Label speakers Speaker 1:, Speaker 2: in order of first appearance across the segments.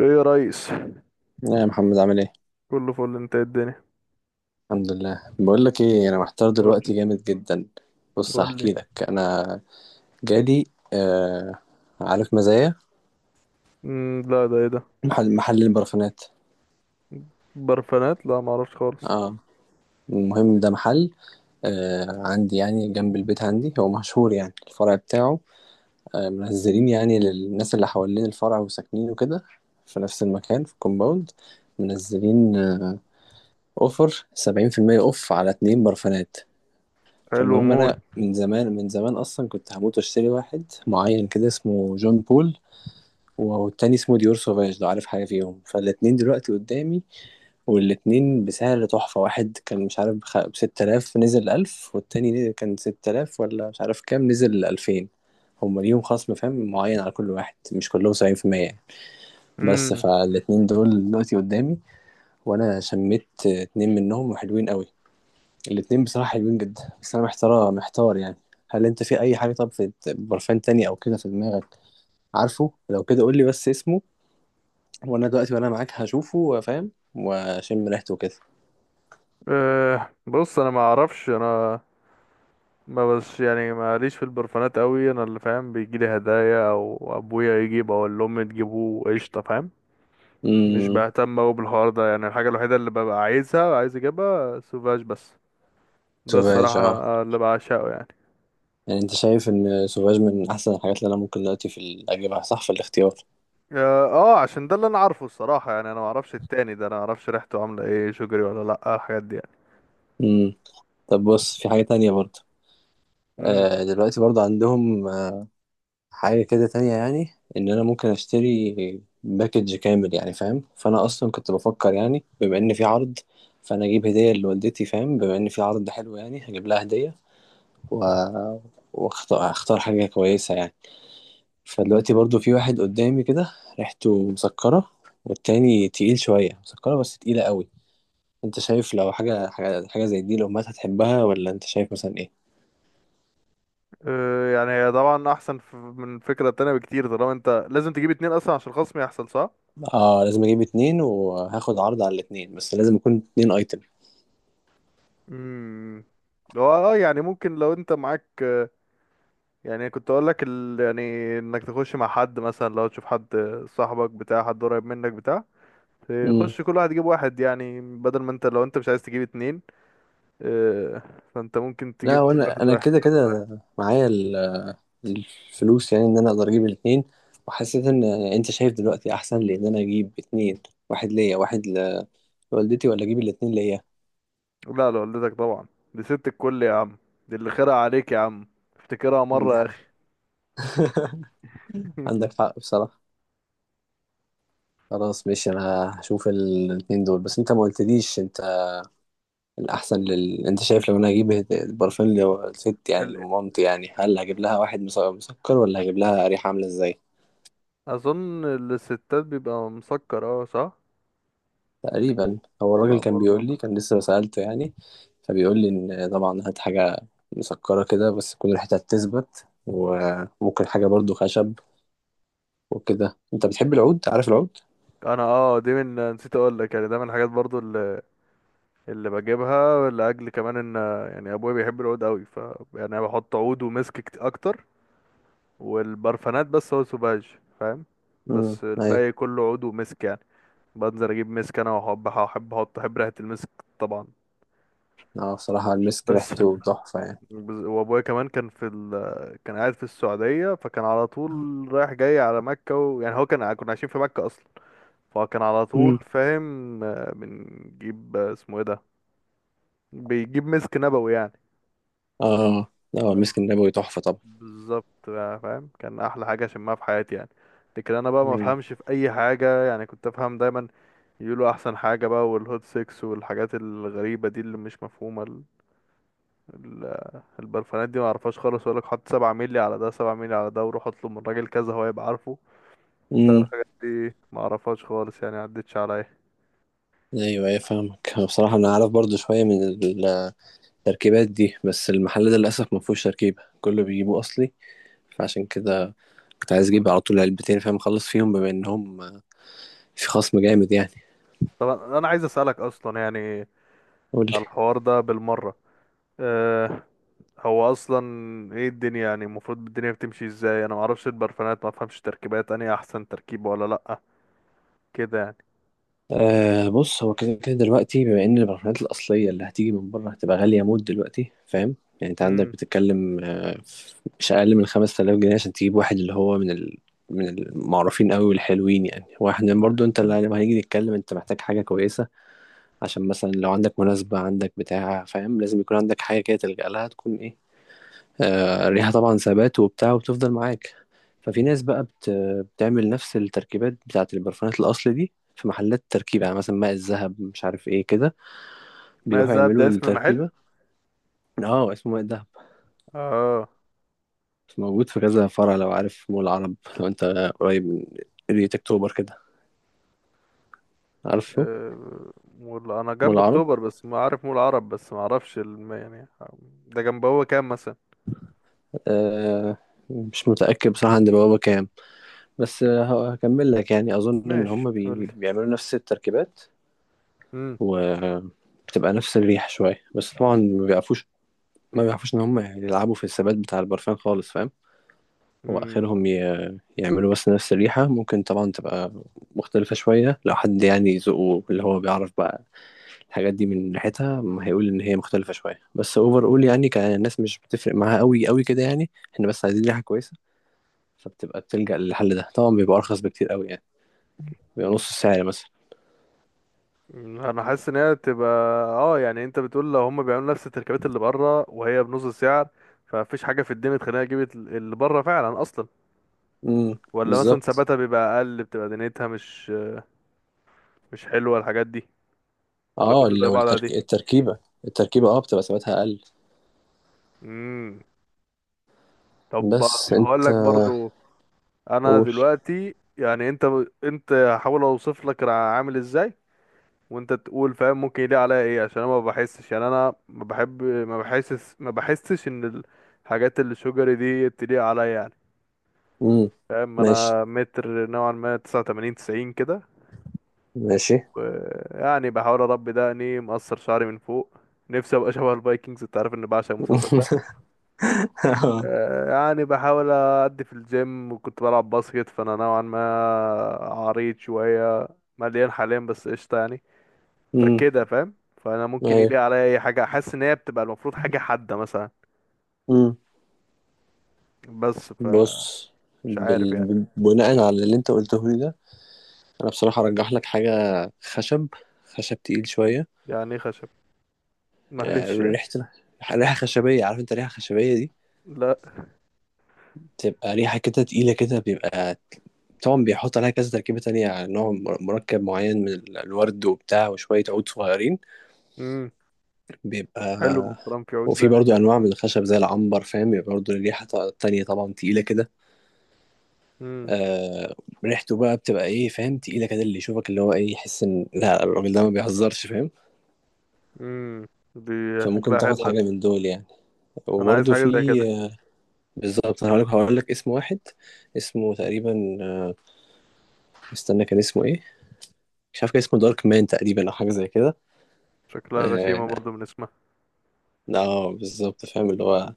Speaker 1: ايه يا ريس،
Speaker 2: يا محمد عامل ايه؟
Speaker 1: كله فل. انت إيه الدنيا؟
Speaker 2: الحمد لله. بقول لك ايه، انا محتار
Speaker 1: قول.
Speaker 2: دلوقتي جامد جدا. بص
Speaker 1: قول لي.
Speaker 2: هحكي لك انا، جالي آه، عارف مزايا؟
Speaker 1: لا، ده ايه ده؟
Speaker 2: محل البرفانات.
Speaker 1: برفانات؟ لا، ما اعرفش خالص.
Speaker 2: اه المهم ده محل آه عندي يعني جنب البيت، عندي هو مشهور يعني الفرع بتاعه آه، منزلين يعني للناس اللي حوالين الفرع وساكنين وكده في نفس المكان في كومباوند. منزلين آه اوفر سبعين في المية اوف على اتنين برفانات.
Speaker 1: حلو
Speaker 2: فالمهم
Speaker 1: موت.
Speaker 2: انا من زمان من زمان اصلا كنت هموت واشتري واحد معين كده اسمه جون بول، والتاني اسمه ديور سوفاج، لو عارف حاجه فيهم. فالاتنين دلوقتي قدامي، والاتنين بسعر تحفه. واحد كان مش عارف ب 6000 نزل 1000، والتاني كان 6000 ولا مش عارف كام نزل 2000. هما ليهم خصم فاهم معين على كل واحد، مش كلهم 70%، يعني. بس
Speaker 1: امم
Speaker 2: فالاتنين دول دلوقتي قدامي وانا شميت اتنين منهم وحلوين قوي. الاتنين بصراحة حلوين جدا، بس أنا محتار محتار يعني. هل أنت في أي حاجة؟ طب في برفان تاني أو كده في دماغك عارفه؟ لو كده قول لي بس اسمه، وأنا دلوقتي وأنا معاك هشوفه فاهم وأشم ريحته كده.
Speaker 1: بص، انا ما اعرفش. انا ما بس يعني ماليش في البرفانات قوي. انا اللي فاهم، بيجي لي هدايا او ابويا يجيب او اللي امي تجيبه، قشطه فاهم. مش
Speaker 2: امم،
Speaker 1: بهتم قوي بالحوار ده. يعني الحاجه الوحيده اللي ببقى عايزها، عايز اجيبها سوفاج بس. ده
Speaker 2: سوفاج
Speaker 1: الصراحه
Speaker 2: اه.
Speaker 1: اللي بعشقه يعني.
Speaker 2: يعني أنت شايف إن سوفاج من أحسن الحاجات اللي أنا ممكن دلوقتي في أجيبها، صح في الاختيار؟
Speaker 1: اه آه، عشان ده اللي انا عارفه الصراحة يعني. انا ما اعرفش التاني ده، انا ما اعرفش ريحته عاملة ايه، شجري ولا لا، الحاجات دي يعني.
Speaker 2: امم، طب بص في حاجة تانية برضه.
Speaker 1: امم
Speaker 2: آه دلوقتي برضه عندهم حاجة كده تانية، يعني إن أنا ممكن أشتري باكج كامل يعني فاهم. فأنا أصلا كنت بفكر يعني بما إن في عرض، فأنا أجيب هدية لوالدتي فاهم، بما إن في عرض حلو يعني هجيب لها هدية و... وأختار حاجة كويسة يعني. فدلوقتي برضو في واحد قدامي كده ريحته مسكرة، والتاني تقيل شوية مسكرة بس تقيلة قوي. أنت شايف لو حاجة حاجة زي دي الأمهات هتحبها، ولا أنت شايف مثلا إيه؟
Speaker 1: يعني هي طبعا احسن من الفكرة التانية بكتير، طالما انت لازم تجيب اتنين اصلا عشان الخصم يحصل، صح.
Speaker 2: آه لازم أجيب اتنين وهاخد عرض على الاتنين، بس لازم يكون اتنين أيتم.
Speaker 1: امم هو اه، يعني ممكن لو انت معاك، يعني كنت اقول لك يعني انك تخش مع حد، مثلا لو تشوف حد صاحبك، بتاع حد قريب منك بتاع، تخش كل واحد يجيب واحد، يعني بدل ما انت، لو انت مش عايز تجيب اتنين، آه، فانت ممكن
Speaker 2: لا،
Speaker 1: تجيب كل
Speaker 2: وانا
Speaker 1: واحد
Speaker 2: انا
Speaker 1: واحد.
Speaker 2: كده كده معايا الفلوس، يعني ان انا اقدر اجيب الاتنين. وحسيت ان انت شايف دلوقتي احسن لي ان انا اجيب اتنين، واحد ليا واحد لوالدتي، ولا اجيب الاتنين ليا؟
Speaker 1: لا، لوالدتك طبعا. دي ست الكل يا عم. دي اللي خيرها عليك يا عم. افتكرها
Speaker 2: دي
Speaker 1: مرة يا
Speaker 2: حاجة.
Speaker 1: اخي.
Speaker 2: عندك حق بصراحة. خلاص ماشي، انا هشوف الاتنين دول. بس انت ما قلتليش انت الاحسن انت شايف لو انا هجيب البرفان لست يعني
Speaker 1: ال-
Speaker 2: لمامتي، يعني هل هجيب لها واحد مسكر، ولا هجيب لها ريحة عاملة ازاي؟
Speaker 1: اظن الستات بيبقى مسكر، اه صح.
Speaker 2: تقريبا هو
Speaker 1: انا
Speaker 2: الراجل كان
Speaker 1: برضو.
Speaker 2: بيقول لي، كان لسه سألته يعني، فبيقول لي ان طبعا هات حاجة مسكرة كده بس تكون ريحتها تثبت، وممكن حاجة برضو خشب وكده. انت بتحب العود؟ عارف العود؟
Speaker 1: انا اه، دي من، نسيت اقول لك يعني، ده من الحاجات برضو اللي بجيبها لاجل كمان ان، يعني ابويا بيحب العود قوي، ف يعني انا بحط عود ومسك، اكتر. والبرفانات بس هو سوباج فاهم، بس
Speaker 2: ايوه.
Speaker 1: الباقي كله عود ومسك يعني. بنزل اجيب مسك انا، واحب احب احط احب ريحة المسك، طبعا.
Speaker 2: اه بصراحة المسك
Speaker 1: بس
Speaker 2: ريحته تحفة يعني.
Speaker 1: وابويا كمان كان في كان قاعد في السعودية، فكان على طول رايح جاي على مكة يعني هو كان، كنا عايشين في مكة اصلا، فكان على طول
Speaker 2: امم،
Speaker 1: فاهم، بنجيب، اسمه ايه ده، بيجيب مسك نبوي يعني.
Speaker 2: اه. اه المسك النبوي تحفة طبعا.
Speaker 1: بالظبط فاهم. كان احلى حاجة شمها في حياتي يعني. لكن انا بقى ما
Speaker 2: امم.
Speaker 1: افهمش في اي حاجة يعني. كنت افهم دايما يقولوا احسن حاجة بقى، والهوت سيكس والحاجات الغريبة دي اللي مش مفهومة. البرفانات دي ما اعرفهاش خالص. يقول لك حط 7 مللي على ده، 7 مللي على ده، وروح اطلب من راجل كذا هو يبقى عارفه. ده
Speaker 2: امم
Speaker 1: الحاجات دي ما اعرفهاش خالص يعني، عدتش عليا.
Speaker 2: ايوه ايوه فاهمك. أنا بصراحة انا عارف برضو شوية من التركيبات دي، بس المحل ده للأسف ما فيهوش تركيبة، كله بيجيبوه اصلي. فعشان كده كنت عايز اجيب على طول علبتين فاهم، اخلص فيهم بما انهم في خصم جامد يعني.
Speaker 1: طب انا عايز اسالك اصلا يعني،
Speaker 2: قول لي.
Speaker 1: على الحوار ده بالمره. أه، هو اصلا ايه الدنيا يعني؟ المفروض الدنيا بتمشي ازاي؟ انا ما اعرفش البرفانات، ما افهمش تركيبات انهي احسن تركيبه ولا لا كده يعني.
Speaker 2: آه بص هو كده كده دلوقتي، بما ان البرفانات الاصليه اللي هتيجي من بره هتبقى غاليه موت دلوقتي فاهم. يعني انت عندك
Speaker 1: امم
Speaker 2: بتتكلم آه مش اقل من 5000 جنيه عشان تجيب واحد اللي هو من المعروفين قوي والحلوين. يعني واحد
Speaker 1: مم.
Speaker 2: برضو، انت اللي لما هنيجي نتكلم انت محتاج حاجه كويسه، عشان مثلا لو عندك مناسبة، عندك بتاع فاهم، لازم يكون عندك حاجة كده تلجأ لها تكون ايه آه، الريحة طبعا ثبات وبتاع وتفضل معاك. ففي ناس بقى بتعمل نفس التركيبات بتاعة البرفانات الأصل دي في محلات تركيب، يعني مثلا ماء الذهب مش عارف ايه كده،
Speaker 1: ما
Speaker 2: بيروحوا
Speaker 1: زاد ده
Speaker 2: يعملوا
Speaker 1: اسم محل؟
Speaker 2: التركيبة. اه اسمه ماء الذهب،
Speaker 1: اه.
Speaker 2: موجود في كذا فرع. لو عارف مول العرب، لو انت قريب من قرية اكتوبر كده عارفه
Speaker 1: آه، مول، انا
Speaker 2: مول
Speaker 1: جنب
Speaker 2: العرب.
Speaker 1: اكتوبر بس ما عارف مول عرب، بس ما اعرفش يعني ده جنب هو كام مثلا؟
Speaker 2: آه مش متأكد بصراحة عند بوابة كام، بس آه، هكمل لك. يعني أظن إن
Speaker 1: ماشي
Speaker 2: هما
Speaker 1: قول لي.
Speaker 2: بيعملوا نفس التركيبات،
Speaker 1: امم
Speaker 2: وبتبقى نفس الريحة شوية، بس طبعا ما بيعرفوش، ان هم يلعبوا في الثبات بتاع البرفان خالص فاهم. هو اخرهم يعملوا بس نفس الريحة، ممكن طبعا تبقى مختلفة شوية لو حد يعني ذوقه اللي هو بيعرف بقى الحاجات دي من ريحتها ما هيقول ان هي مختلفة شوية. بس اوفر اول يعني كان الناس مش بتفرق معاها قوي قوي كده، يعني احنا بس عايزين ريحة كويسة، فبتبقى بتلجأ للحل ده. طبعا بيبقى ارخص بكتير قوي يعني، بيبقى نص السعر مثلا.
Speaker 1: انا حاسس ان هي تبقى، اه يعني انت بتقول لو هم بيعملوا نفس التركيبات اللي بره وهي بنص السعر، فمفيش حاجه في الدنيا تخليني اجيب اللي بره فعلا اصلا.
Speaker 2: امم،
Speaker 1: ولا مثلا
Speaker 2: بالظبط.
Speaker 1: ثباتها بيبقى اقل، بتبقى دنيتها مش، مش حلوه الحاجات دي؟ ولا
Speaker 2: اه
Speaker 1: كله زي
Speaker 2: لو
Speaker 1: بعض عادي؟
Speaker 2: التركيبة، اه بتبقى ثباتها أقل.
Speaker 1: امم طب
Speaker 2: بس
Speaker 1: هقول
Speaker 2: أنت
Speaker 1: لك برضو. انا
Speaker 2: قول.
Speaker 1: دلوقتي يعني انت هحاول اوصف لك انا عامل ازاي وانت تقول فاهم ممكن يليق عليا ايه، عشان انا ما بحسش، يعني انا ما بحب، ما بحسش ان الحاجات اللي شجري دي تليق عليا يعني
Speaker 2: امم،
Speaker 1: فاهم.
Speaker 2: ماشي
Speaker 1: انا متر نوعا ما 89 90 كده،
Speaker 2: ماشي.
Speaker 1: ويعني بحاول اربي دقني، مقصر شعري من فوق، نفسي ابقى شبه الفايكنجز، انت عارف اني بعشق المسلسل ده. يعني بحاول أدي في الجيم، وكنت بلعب باسكت، فأنا نوعا ما عريض شوية، مليان حاليا بس قشطة يعني.
Speaker 2: امم،
Speaker 1: فكده فاهم، فأنا ممكن يليق
Speaker 2: ايوه،
Speaker 1: عليا أي حاجة أحس إن هي بتبقى المفروض حاجة حادة مثلا،
Speaker 2: امم.
Speaker 1: بس فمش
Speaker 2: بص
Speaker 1: عارف يعني.
Speaker 2: بناء على اللي انت قلته لي ده، انا بصراحة ارجح لك حاجة خشب، خشب تقيل شوية.
Speaker 1: يعني إيه خشب؟
Speaker 2: آه،
Speaker 1: معلش يعني.
Speaker 2: ريحة خشبية. عارف انت ريحة خشبية دي؟
Speaker 1: لا.
Speaker 2: تبقى ريحة كده تقيلة كده، بيبقى طبعا بيحط عليها كذا تركيبة تانية يعني نوع مركب معين من الورد وبتاع وشوية عود صغيرين.
Speaker 1: امم
Speaker 2: بيبقى
Speaker 1: حلو الكلام في عود ده
Speaker 2: وفي برضو
Speaker 1: يعني.
Speaker 2: انواع من الخشب زي العنبر فاهم، بيبقى برضو الريحه تانية طبعا، تقيله كده.
Speaker 1: امم
Speaker 2: آه ريحته بقى بتبقى ايه فاهم، تقيله كده اللي يشوفك اللي هو ايه يحس ان لا الراجل ده ما بيهزرش فاهم.
Speaker 1: امم دي
Speaker 2: فممكن
Speaker 1: شكلها
Speaker 2: تاخد
Speaker 1: حلوة دي.
Speaker 2: حاجه من دول يعني.
Speaker 1: أنا عايز
Speaker 2: وبرضو في
Speaker 1: حاجة زي كده.
Speaker 2: آه، بالظبط. انا هقول لك، اسم واحد اسمه تقريبا آه، استنى كان اسمه ايه؟ مش عارف كان اسمه دارك مان تقريبا، او حاجه زي كده.
Speaker 1: شكلها
Speaker 2: اه
Speaker 1: غشيمة برضو من اسمها.
Speaker 2: آه، بالظبط فاهم اللي هو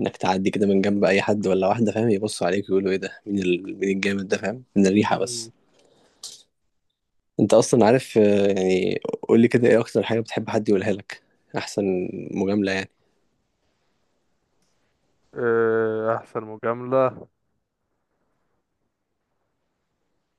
Speaker 2: انك تعدي كده من جنب اي حد ولا واحده فاهم، يبصوا عليك ويقولوا ايه ده، مين مين الجامد ده فاهم، من الريحه
Speaker 1: امم
Speaker 2: بس. انت اصلا عارف آه، يعني قول لي كده ايه اكتر حاجه بتحب حد يقولها لك، احسن مجامله يعني؟
Speaker 1: آه، أحسن مجاملة،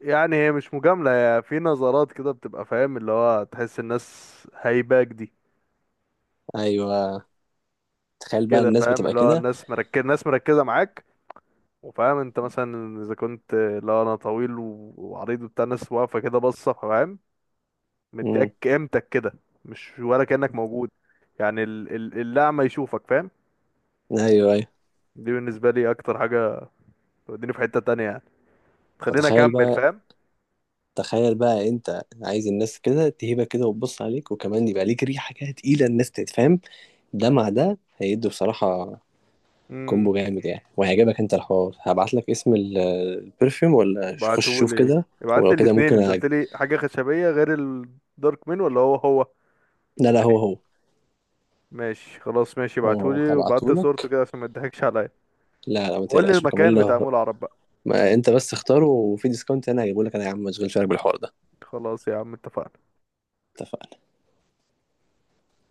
Speaker 1: يعني هي مش مجاملة، هي في نظرات كده بتبقى فاهم اللي هو تحس الناس هايباك دي.
Speaker 2: ايوه. تخيل بقى
Speaker 1: كده
Speaker 2: الناس
Speaker 1: فاهم
Speaker 2: بتبقى
Speaker 1: اللي هو
Speaker 2: كده.
Speaker 1: الناس مركزة، الناس مركزة معاك، وفاهم انت مثلا اذا كنت اللي هو انا طويل وعريض وبتاع، الناس واقفة كده باصة فاهم،
Speaker 2: امم،
Speaker 1: مديك قيمتك كده. مش ولا كأنك موجود، يعني الأعمى يشوفك فاهم.
Speaker 2: ايوه ايوه.
Speaker 1: دي بالنسبة لي أكتر حاجة، توديني في حتة تانية يعني، تخليني
Speaker 2: فتخيل
Speaker 1: أكمل
Speaker 2: بقى،
Speaker 1: فاهم.
Speaker 2: تخيل بقى انت عايز الناس كده تهيبك كده وتبص عليك، وكمان يبقى ليك ريحه كده تقيله، الناس تتفهم. ده مع ده هيدوا بصراحه
Speaker 1: امم
Speaker 2: كومبو جامد يعني، وهيعجبك انت الحوار. هبعت لك اسم البرفيوم، ولا خش شوف
Speaker 1: ابعتهولي.
Speaker 2: كده.
Speaker 1: ابعتلي
Speaker 2: ولو كده
Speaker 1: الاتنين،
Speaker 2: ممكن
Speaker 1: انت قلتلي حاجة خشبية غير الدارك مين؟ ولا هو هو؟
Speaker 2: لا لا هو هو.
Speaker 1: ماشي خلاص. ماشي،
Speaker 2: هو هو
Speaker 1: ابعتولي وبعت
Speaker 2: هبعته
Speaker 1: صورته
Speaker 2: لك.
Speaker 1: كده عشان ما تضحكش عليا.
Speaker 2: لا لا ما
Speaker 1: وقول لي
Speaker 2: تقلقش، وكمان
Speaker 1: المكان بتاع مول
Speaker 2: لو،
Speaker 1: العرب بقى.
Speaker 2: ما انت بس اختاره وفي ديسكاونت انا هجيبه لك انا يا عم، ما تشغلش بالك بالحوار ده.
Speaker 1: خلاص يا عم اتفقنا.
Speaker 2: اتفقنا.